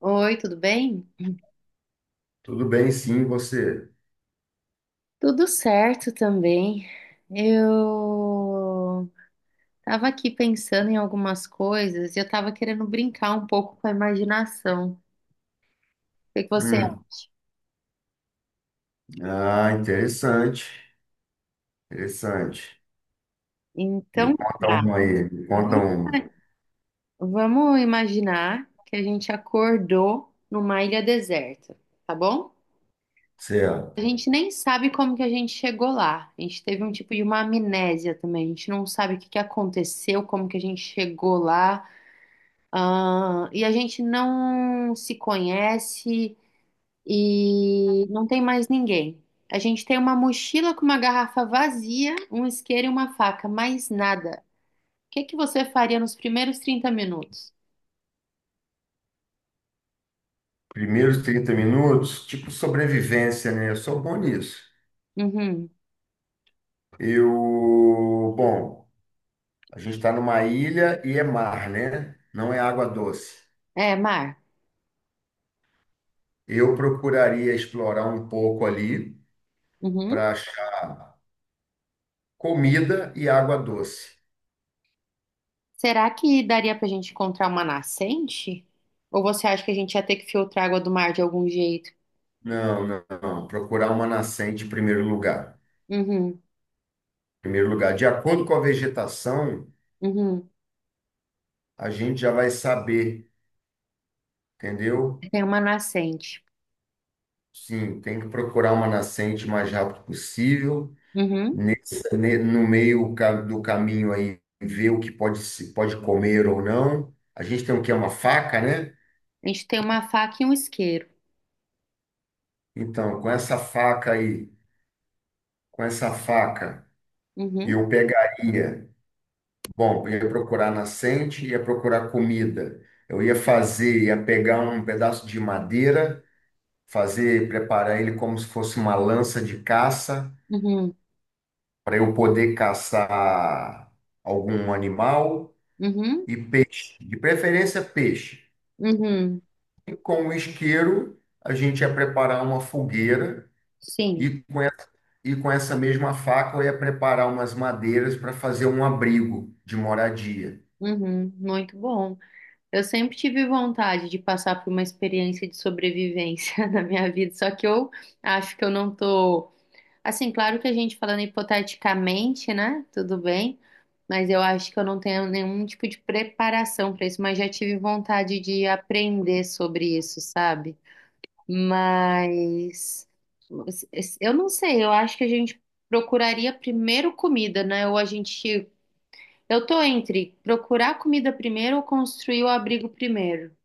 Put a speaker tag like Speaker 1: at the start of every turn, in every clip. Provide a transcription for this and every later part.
Speaker 1: Oi, tudo bem?
Speaker 2: Tudo bem, sim, e você?
Speaker 1: Tudo certo também. Eu tava aqui pensando em algumas coisas e eu tava querendo brincar um pouco com a imaginação. O que que você
Speaker 2: Hum,
Speaker 1: acha?
Speaker 2: Ah, interessante, interessante. Me
Speaker 1: Então,
Speaker 2: conta
Speaker 1: tá.
Speaker 2: uma aí, me conta
Speaker 1: Vamos
Speaker 2: uma.
Speaker 1: vamos imaginar que a gente acordou numa ilha deserta, tá bom? A
Speaker 2: Certo.
Speaker 1: gente nem sabe como que a gente chegou lá. A gente teve um tipo de uma amnésia também. A gente não sabe o que que aconteceu, como que a gente chegou lá. Ah, e a gente não se conhece e não tem mais ninguém. A gente tem uma mochila com uma garrafa vazia, um isqueiro e uma faca, mais nada. O que que você faria nos primeiros 30 minutos?
Speaker 2: Primeiros 30 minutos, tipo sobrevivência, né? Eu sou bom nisso.
Speaker 1: Uhum.
Speaker 2: Eu, bom, a gente está numa ilha e é mar, né? Não é água doce.
Speaker 1: É, mar.
Speaker 2: Eu procuraria explorar um pouco ali
Speaker 1: Uhum.
Speaker 2: para achar comida e água doce.
Speaker 1: Será que daria pra gente encontrar uma nascente? Ou você acha que a gente ia ter que filtrar água do mar de algum jeito?
Speaker 2: Não, não, não. Procurar uma nascente em primeiro lugar.
Speaker 1: Uhum.
Speaker 2: Primeiro lugar. De acordo com a vegetação,
Speaker 1: Uhum.
Speaker 2: a gente já vai saber, entendeu?
Speaker 1: Tem uma nascente.
Speaker 2: Sim, tem que procurar uma nascente o mais rápido possível,
Speaker 1: Uhum.
Speaker 2: no meio do caminho aí, ver o que pode se pode comer ou não. A gente tem o que é uma faca, né?
Speaker 1: A gente tem uma faca e um isqueiro.
Speaker 2: Então, com essa faca,
Speaker 1: Uhum.
Speaker 2: eu pegaria, bom, eu ia procurar nascente, ia procurar comida. Eu ia pegar um pedaço de madeira preparar ele como se fosse uma lança de caça,
Speaker 1: Uhum.
Speaker 2: para eu poder caçar algum animal
Speaker 1: Uhum,
Speaker 2: e peixe, de preferência peixe.
Speaker 1: uhum,
Speaker 2: E com o isqueiro, a gente ia preparar uma fogueira
Speaker 1: sim,
Speaker 2: e com, e- e com essa mesma faca eu ia preparar umas madeiras para fazer um abrigo de moradia.
Speaker 1: uhum, muito bom. Eu sempre tive vontade de passar por uma experiência de sobrevivência na minha vida, só que eu acho que eu não tô. Assim, claro que a gente falando hipoteticamente, né? Tudo bem, mas eu acho que eu não tenho nenhum tipo de preparação para isso, mas já tive vontade de aprender sobre isso, sabe? Mas eu não sei, eu acho que a gente procuraria primeiro comida, né? Ou a gente, eu tô entre procurar comida primeiro ou construir o abrigo primeiro.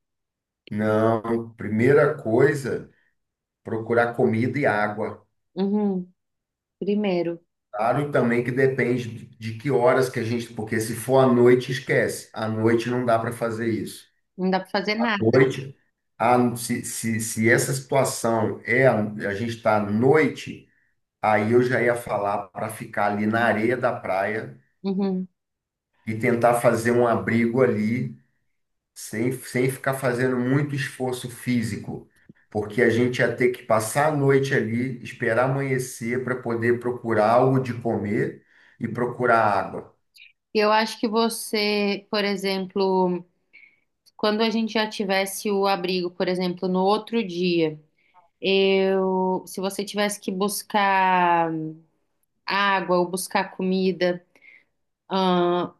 Speaker 2: Não, primeira coisa, procurar comida e água.
Speaker 1: Uhum, primeiro.
Speaker 2: Claro, e também que depende de que horas que a gente, porque se for à noite, esquece. À noite não dá para fazer isso.
Speaker 1: Não dá pra fazer
Speaker 2: À
Speaker 1: nada.
Speaker 2: noite, se essa situação é, a gente está à noite, aí eu já ia falar para ficar ali na areia da praia
Speaker 1: Uhum.
Speaker 2: e tentar fazer um abrigo ali, sem ficar fazendo muito esforço físico, porque a gente ia ter que passar a noite ali, esperar amanhecer para poder procurar algo de comer e procurar água.
Speaker 1: Eu acho que você, por exemplo, quando a gente já tivesse o abrigo, por exemplo, no outro dia, eu, se você tivesse que buscar água ou buscar comida, ahn,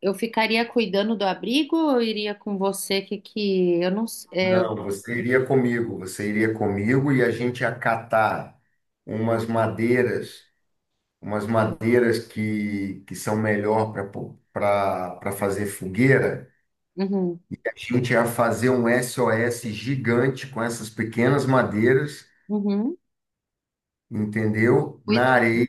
Speaker 1: eu ficaria cuidando do abrigo ou eu iria com você, que eu não sei. É.
Speaker 2: Não, você iria comigo e a gente ia catar umas madeiras, umas madeiras que são melhor para fazer fogueira.
Speaker 1: Uhum,
Speaker 2: A gente ia fazer um SOS gigante com essas pequenas madeiras,
Speaker 1: uhum.
Speaker 2: entendeu?
Speaker 1: Cuida.
Speaker 2: Na areia.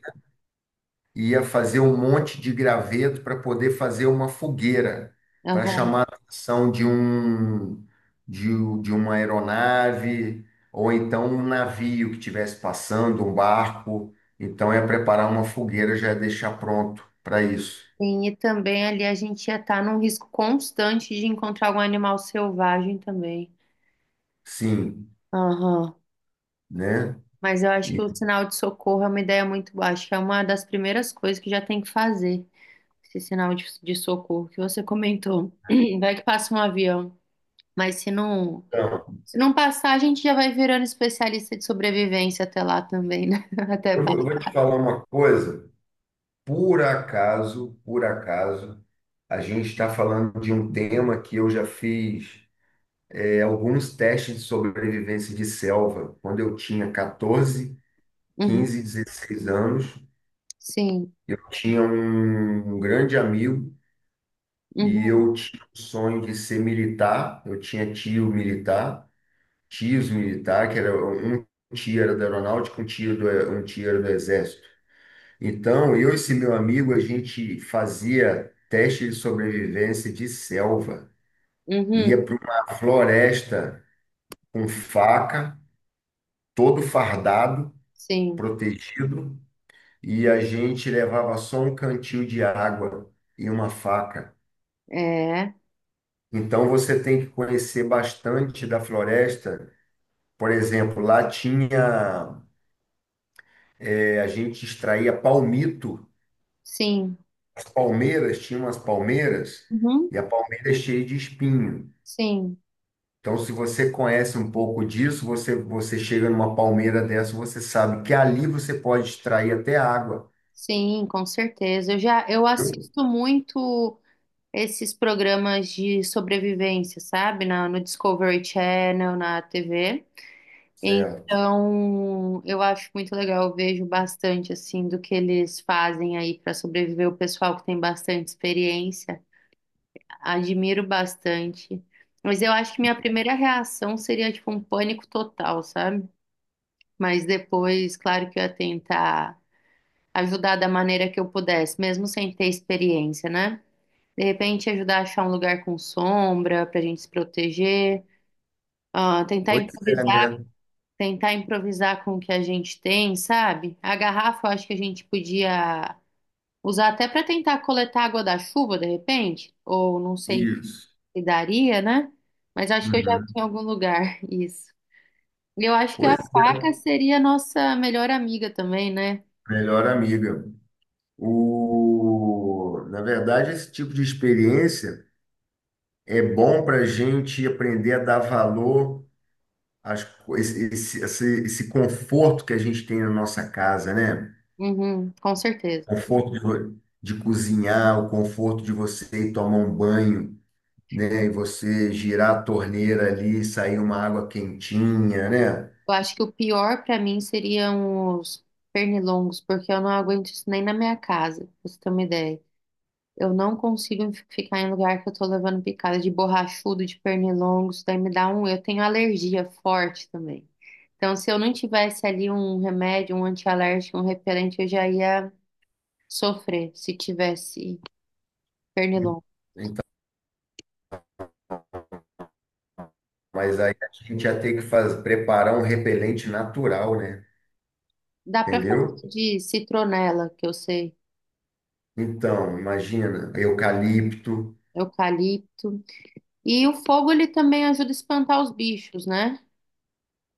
Speaker 2: Ia fazer um monte de graveto para poder fazer uma fogueira, para
Speaker 1: Aham.
Speaker 2: chamar a atenção de uma aeronave ou então um navio que estivesse passando, um barco. Então é preparar uma fogueira, já é deixar pronto para isso.
Speaker 1: Sim, e também ali a gente ia estar num risco constante de encontrar algum animal selvagem também.
Speaker 2: Sim,
Speaker 1: Aham.
Speaker 2: né?
Speaker 1: Mas eu acho que o sinal de socorro é uma ideia muito boa. Acho que é uma das primeiras coisas que já tem que fazer. Esse sinal de socorro que você comentou. Vai que passa um avião. Mas se não,
Speaker 2: Então,
Speaker 1: se não passar, a gente já vai virando especialista de sobrevivência até lá também, né? Até
Speaker 2: eu
Speaker 1: pa-
Speaker 2: vou eu vou te falar uma coisa. Por acaso, a gente está falando de um tema que eu já fiz alguns testes de sobrevivência de selva. Quando eu tinha 14,
Speaker 1: Uhum.
Speaker 2: 15, 16 anos,
Speaker 1: Sim.
Speaker 2: eu tinha um grande amigo e
Speaker 1: Uhum.
Speaker 2: eu tinha o sonho de ser militar. Eu tinha tio militar, tios militar, que era um tio era da aeronáutica, um tio era do exército. Então, eu e esse meu amigo, a gente fazia teste de sobrevivência de selva.
Speaker 1: Uhum.
Speaker 2: Ia para uma floresta com faca, todo fardado,
Speaker 1: Sim.
Speaker 2: protegido e a gente levava só um cantil de água e uma faca.
Speaker 1: É.
Speaker 2: Então você tem que conhecer bastante da floresta. Por exemplo, lá tinha, a gente extraía palmito,
Speaker 1: Sim.
Speaker 2: as palmeiras, tinha umas palmeiras
Speaker 1: Uhum.
Speaker 2: e a palmeira é cheia de espinho.
Speaker 1: Sim.
Speaker 2: Então, se você conhece um pouco disso, você, você chega numa palmeira dessa, você sabe que ali você pode extrair até água,
Speaker 1: Sim, com certeza. Eu
Speaker 2: viu?
Speaker 1: assisto muito esses programas de sobrevivência, sabe? No Discovery Channel, na TV.
Speaker 2: Certo.
Speaker 1: Então, eu acho muito legal, eu vejo bastante assim do que eles fazem aí para sobreviver. O pessoal que tem bastante experiência, admiro bastante. Mas eu acho que minha primeira reação seria tipo um pânico total, sabe? Mas depois, claro que eu ia tentar ajudar da maneira que eu pudesse, mesmo sem ter experiência, né? De repente, ajudar a achar um lugar com sombra para a gente se proteger, ah, tentar
Speaker 2: Pois é,
Speaker 1: improvisar,
Speaker 2: né?
Speaker 1: com o que a gente tem, sabe? A garrafa, eu acho que a gente podia usar até para tentar coletar água da chuva, de repente, ou não sei
Speaker 2: Isso.
Speaker 1: se daria, né? Mas acho que eu já vi
Speaker 2: Uhum.
Speaker 1: em algum lugar isso. E eu acho que a
Speaker 2: Pois
Speaker 1: faca seria a nossa melhor amiga também, né?
Speaker 2: Melhor amiga. O... Na verdade, esse tipo de experiência é bom para a gente aprender a dar valor às... co- esse- esse conforto que a gente tem na nossa casa, né?
Speaker 1: Uhum, com certeza.
Speaker 2: Conforto de cozinhar, o conforto de você ir tomar um banho, né? E você girar a torneira ali, sair uma água quentinha, né?
Speaker 1: Eu acho que o pior pra mim seriam os pernilongos, porque eu não aguento isso nem na minha casa, pra você ter uma ideia. Eu não consigo ficar em lugar que eu tô levando picada de borrachudo, de pernilongo, isso daí me dá um. Eu tenho alergia forte também. Então, se eu não tivesse ali um remédio, um antialérgico, um repelente, eu já ia sofrer se tivesse pernilongo.
Speaker 2: Então, mas aí a gente ia ter que preparar um repelente natural, né?
Speaker 1: Dá pra
Speaker 2: Entendeu?
Speaker 1: fazer de citronela, que eu sei,
Speaker 2: Então, imagina, eucalipto.
Speaker 1: eucalipto. E o fogo ele também ajuda a espantar os bichos, né?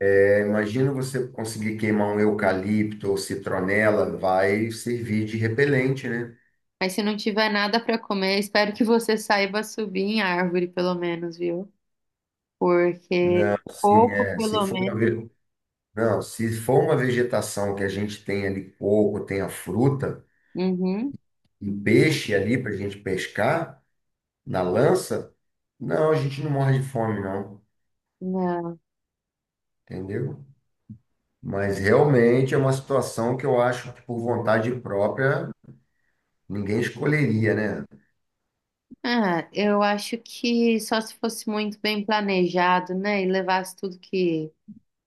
Speaker 2: É, imagina você conseguir queimar um eucalipto ou citronela, vai servir de repelente, né?
Speaker 1: Mas se não tiver nada para comer, espero que você saiba subir em árvore, pelo menos, viu? Porque
Speaker 2: Não, assim,
Speaker 1: pouco,
Speaker 2: é, se
Speaker 1: pelo
Speaker 2: for uma,
Speaker 1: menos.
Speaker 2: ve- não, se for uma vegetação que a gente tem ali coco, tem a fruta
Speaker 1: Uhum.
Speaker 2: e peixe ali para a gente pescar na lança, não, a gente não morre de fome, não,
Speaker 1: Não.
Speaker 2: entendeu? Mas realmente é uma situação que eu acho que por vontade própria ninguém escolheria, né?
Speaker 1: Ah, eu acho que só se fosse muito bem planejado, né? E levasse tudo que,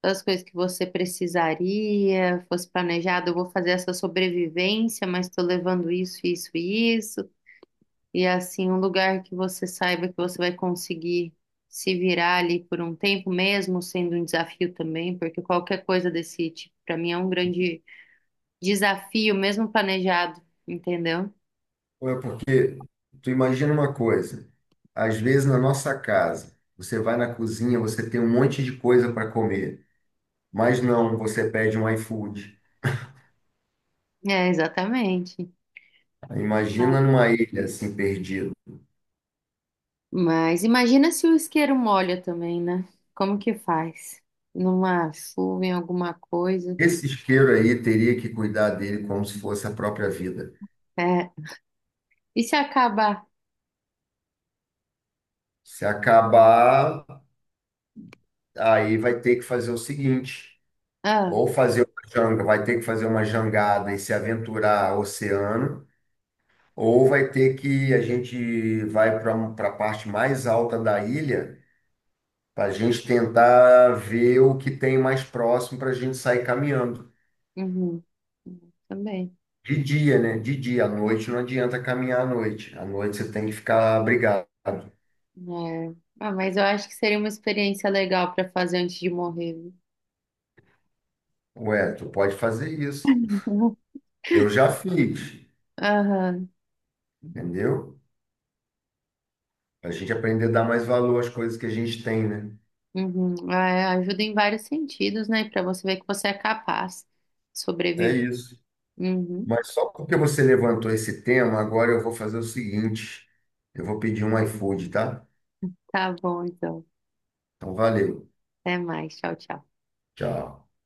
Speaker 1: todas as coisas que você precisaria, fosse planejado, eu vou fazer essa sobrevivência, mas estou levando isso, isso e isso. E assim, um lugar que você saiba que você vai conseguir se virar ali por um tempo, mesmo sendo um desafio também, porque qualquer coisa desse tipo, para mim, é um grande desafio, mesmo planejado, entendeu?
Speaker 2: Ou é porque tu imagina uma coisa, às vezes na nossa casa, você vai na cozinha, você tem um monte de coisa para comer, mas não, você pede um iFood.
Speaker 1: É, exatamente.
Speaker 2: Imagina numa ilha assim perdido.
Speaker 1: Mas imagina se o isqueiro molha também, né? Como que faz? Numa chuva, em alguma coisa.
Speaker 2: Esse isqueiro aí teria que cuidar dele como se fosse a própria vida.
Speaker 1: É. E se acabar?
Speaker 2: Se acabar, aí vai ter que fazer o seguinte,
Speaker 1: Ah,
Speaker 2: ou fazer uma janga, vai ter que fazer uma jangada e se aventurar ao oceano. Ou vai ter que a gente vai para a parte mais alta da ilha para a gente tentar ver o que tem mais próximo para a gente sair caminhando.
Speaker 1: uhum. Também.
Speaker 2: De dia, né? De dia. À noite não adianta caminhar à noite. À noite você tem que ficar abrigado.
Speaker 1: É. Ah, mas eu acho que seria uma experiência legal para fazer antes de morrer, viu?
Speaker 2: Ué, tu pode fazer isso.
Speaker 1: Uhum.
Speaker 2: Eu já fiz,
Speaker 1: Aham.
Speaker 2: entendeu? A gente aprender a dar mais valor às coisas que a gente tem, né?
Speaker 1: Uhum. Ah, é, ajuda em vários sentidos, né? Para você ver que você é capaz de
Speaker 2: É
Speaker 1: sobreviver.
Speaker 2: isso.
Speaker 1: Uhum.
Speaker 2: Mas só porque você levantou esse tema, agora eu vou fazer o seguinte. Eu vou pedir um iFood, tá?
Speaker 1: Tá bom, então.
Speaker 2: Então, valeu.
Speaker 1: Até mais. Tchau, tchau.
Speaker 2: Tchau.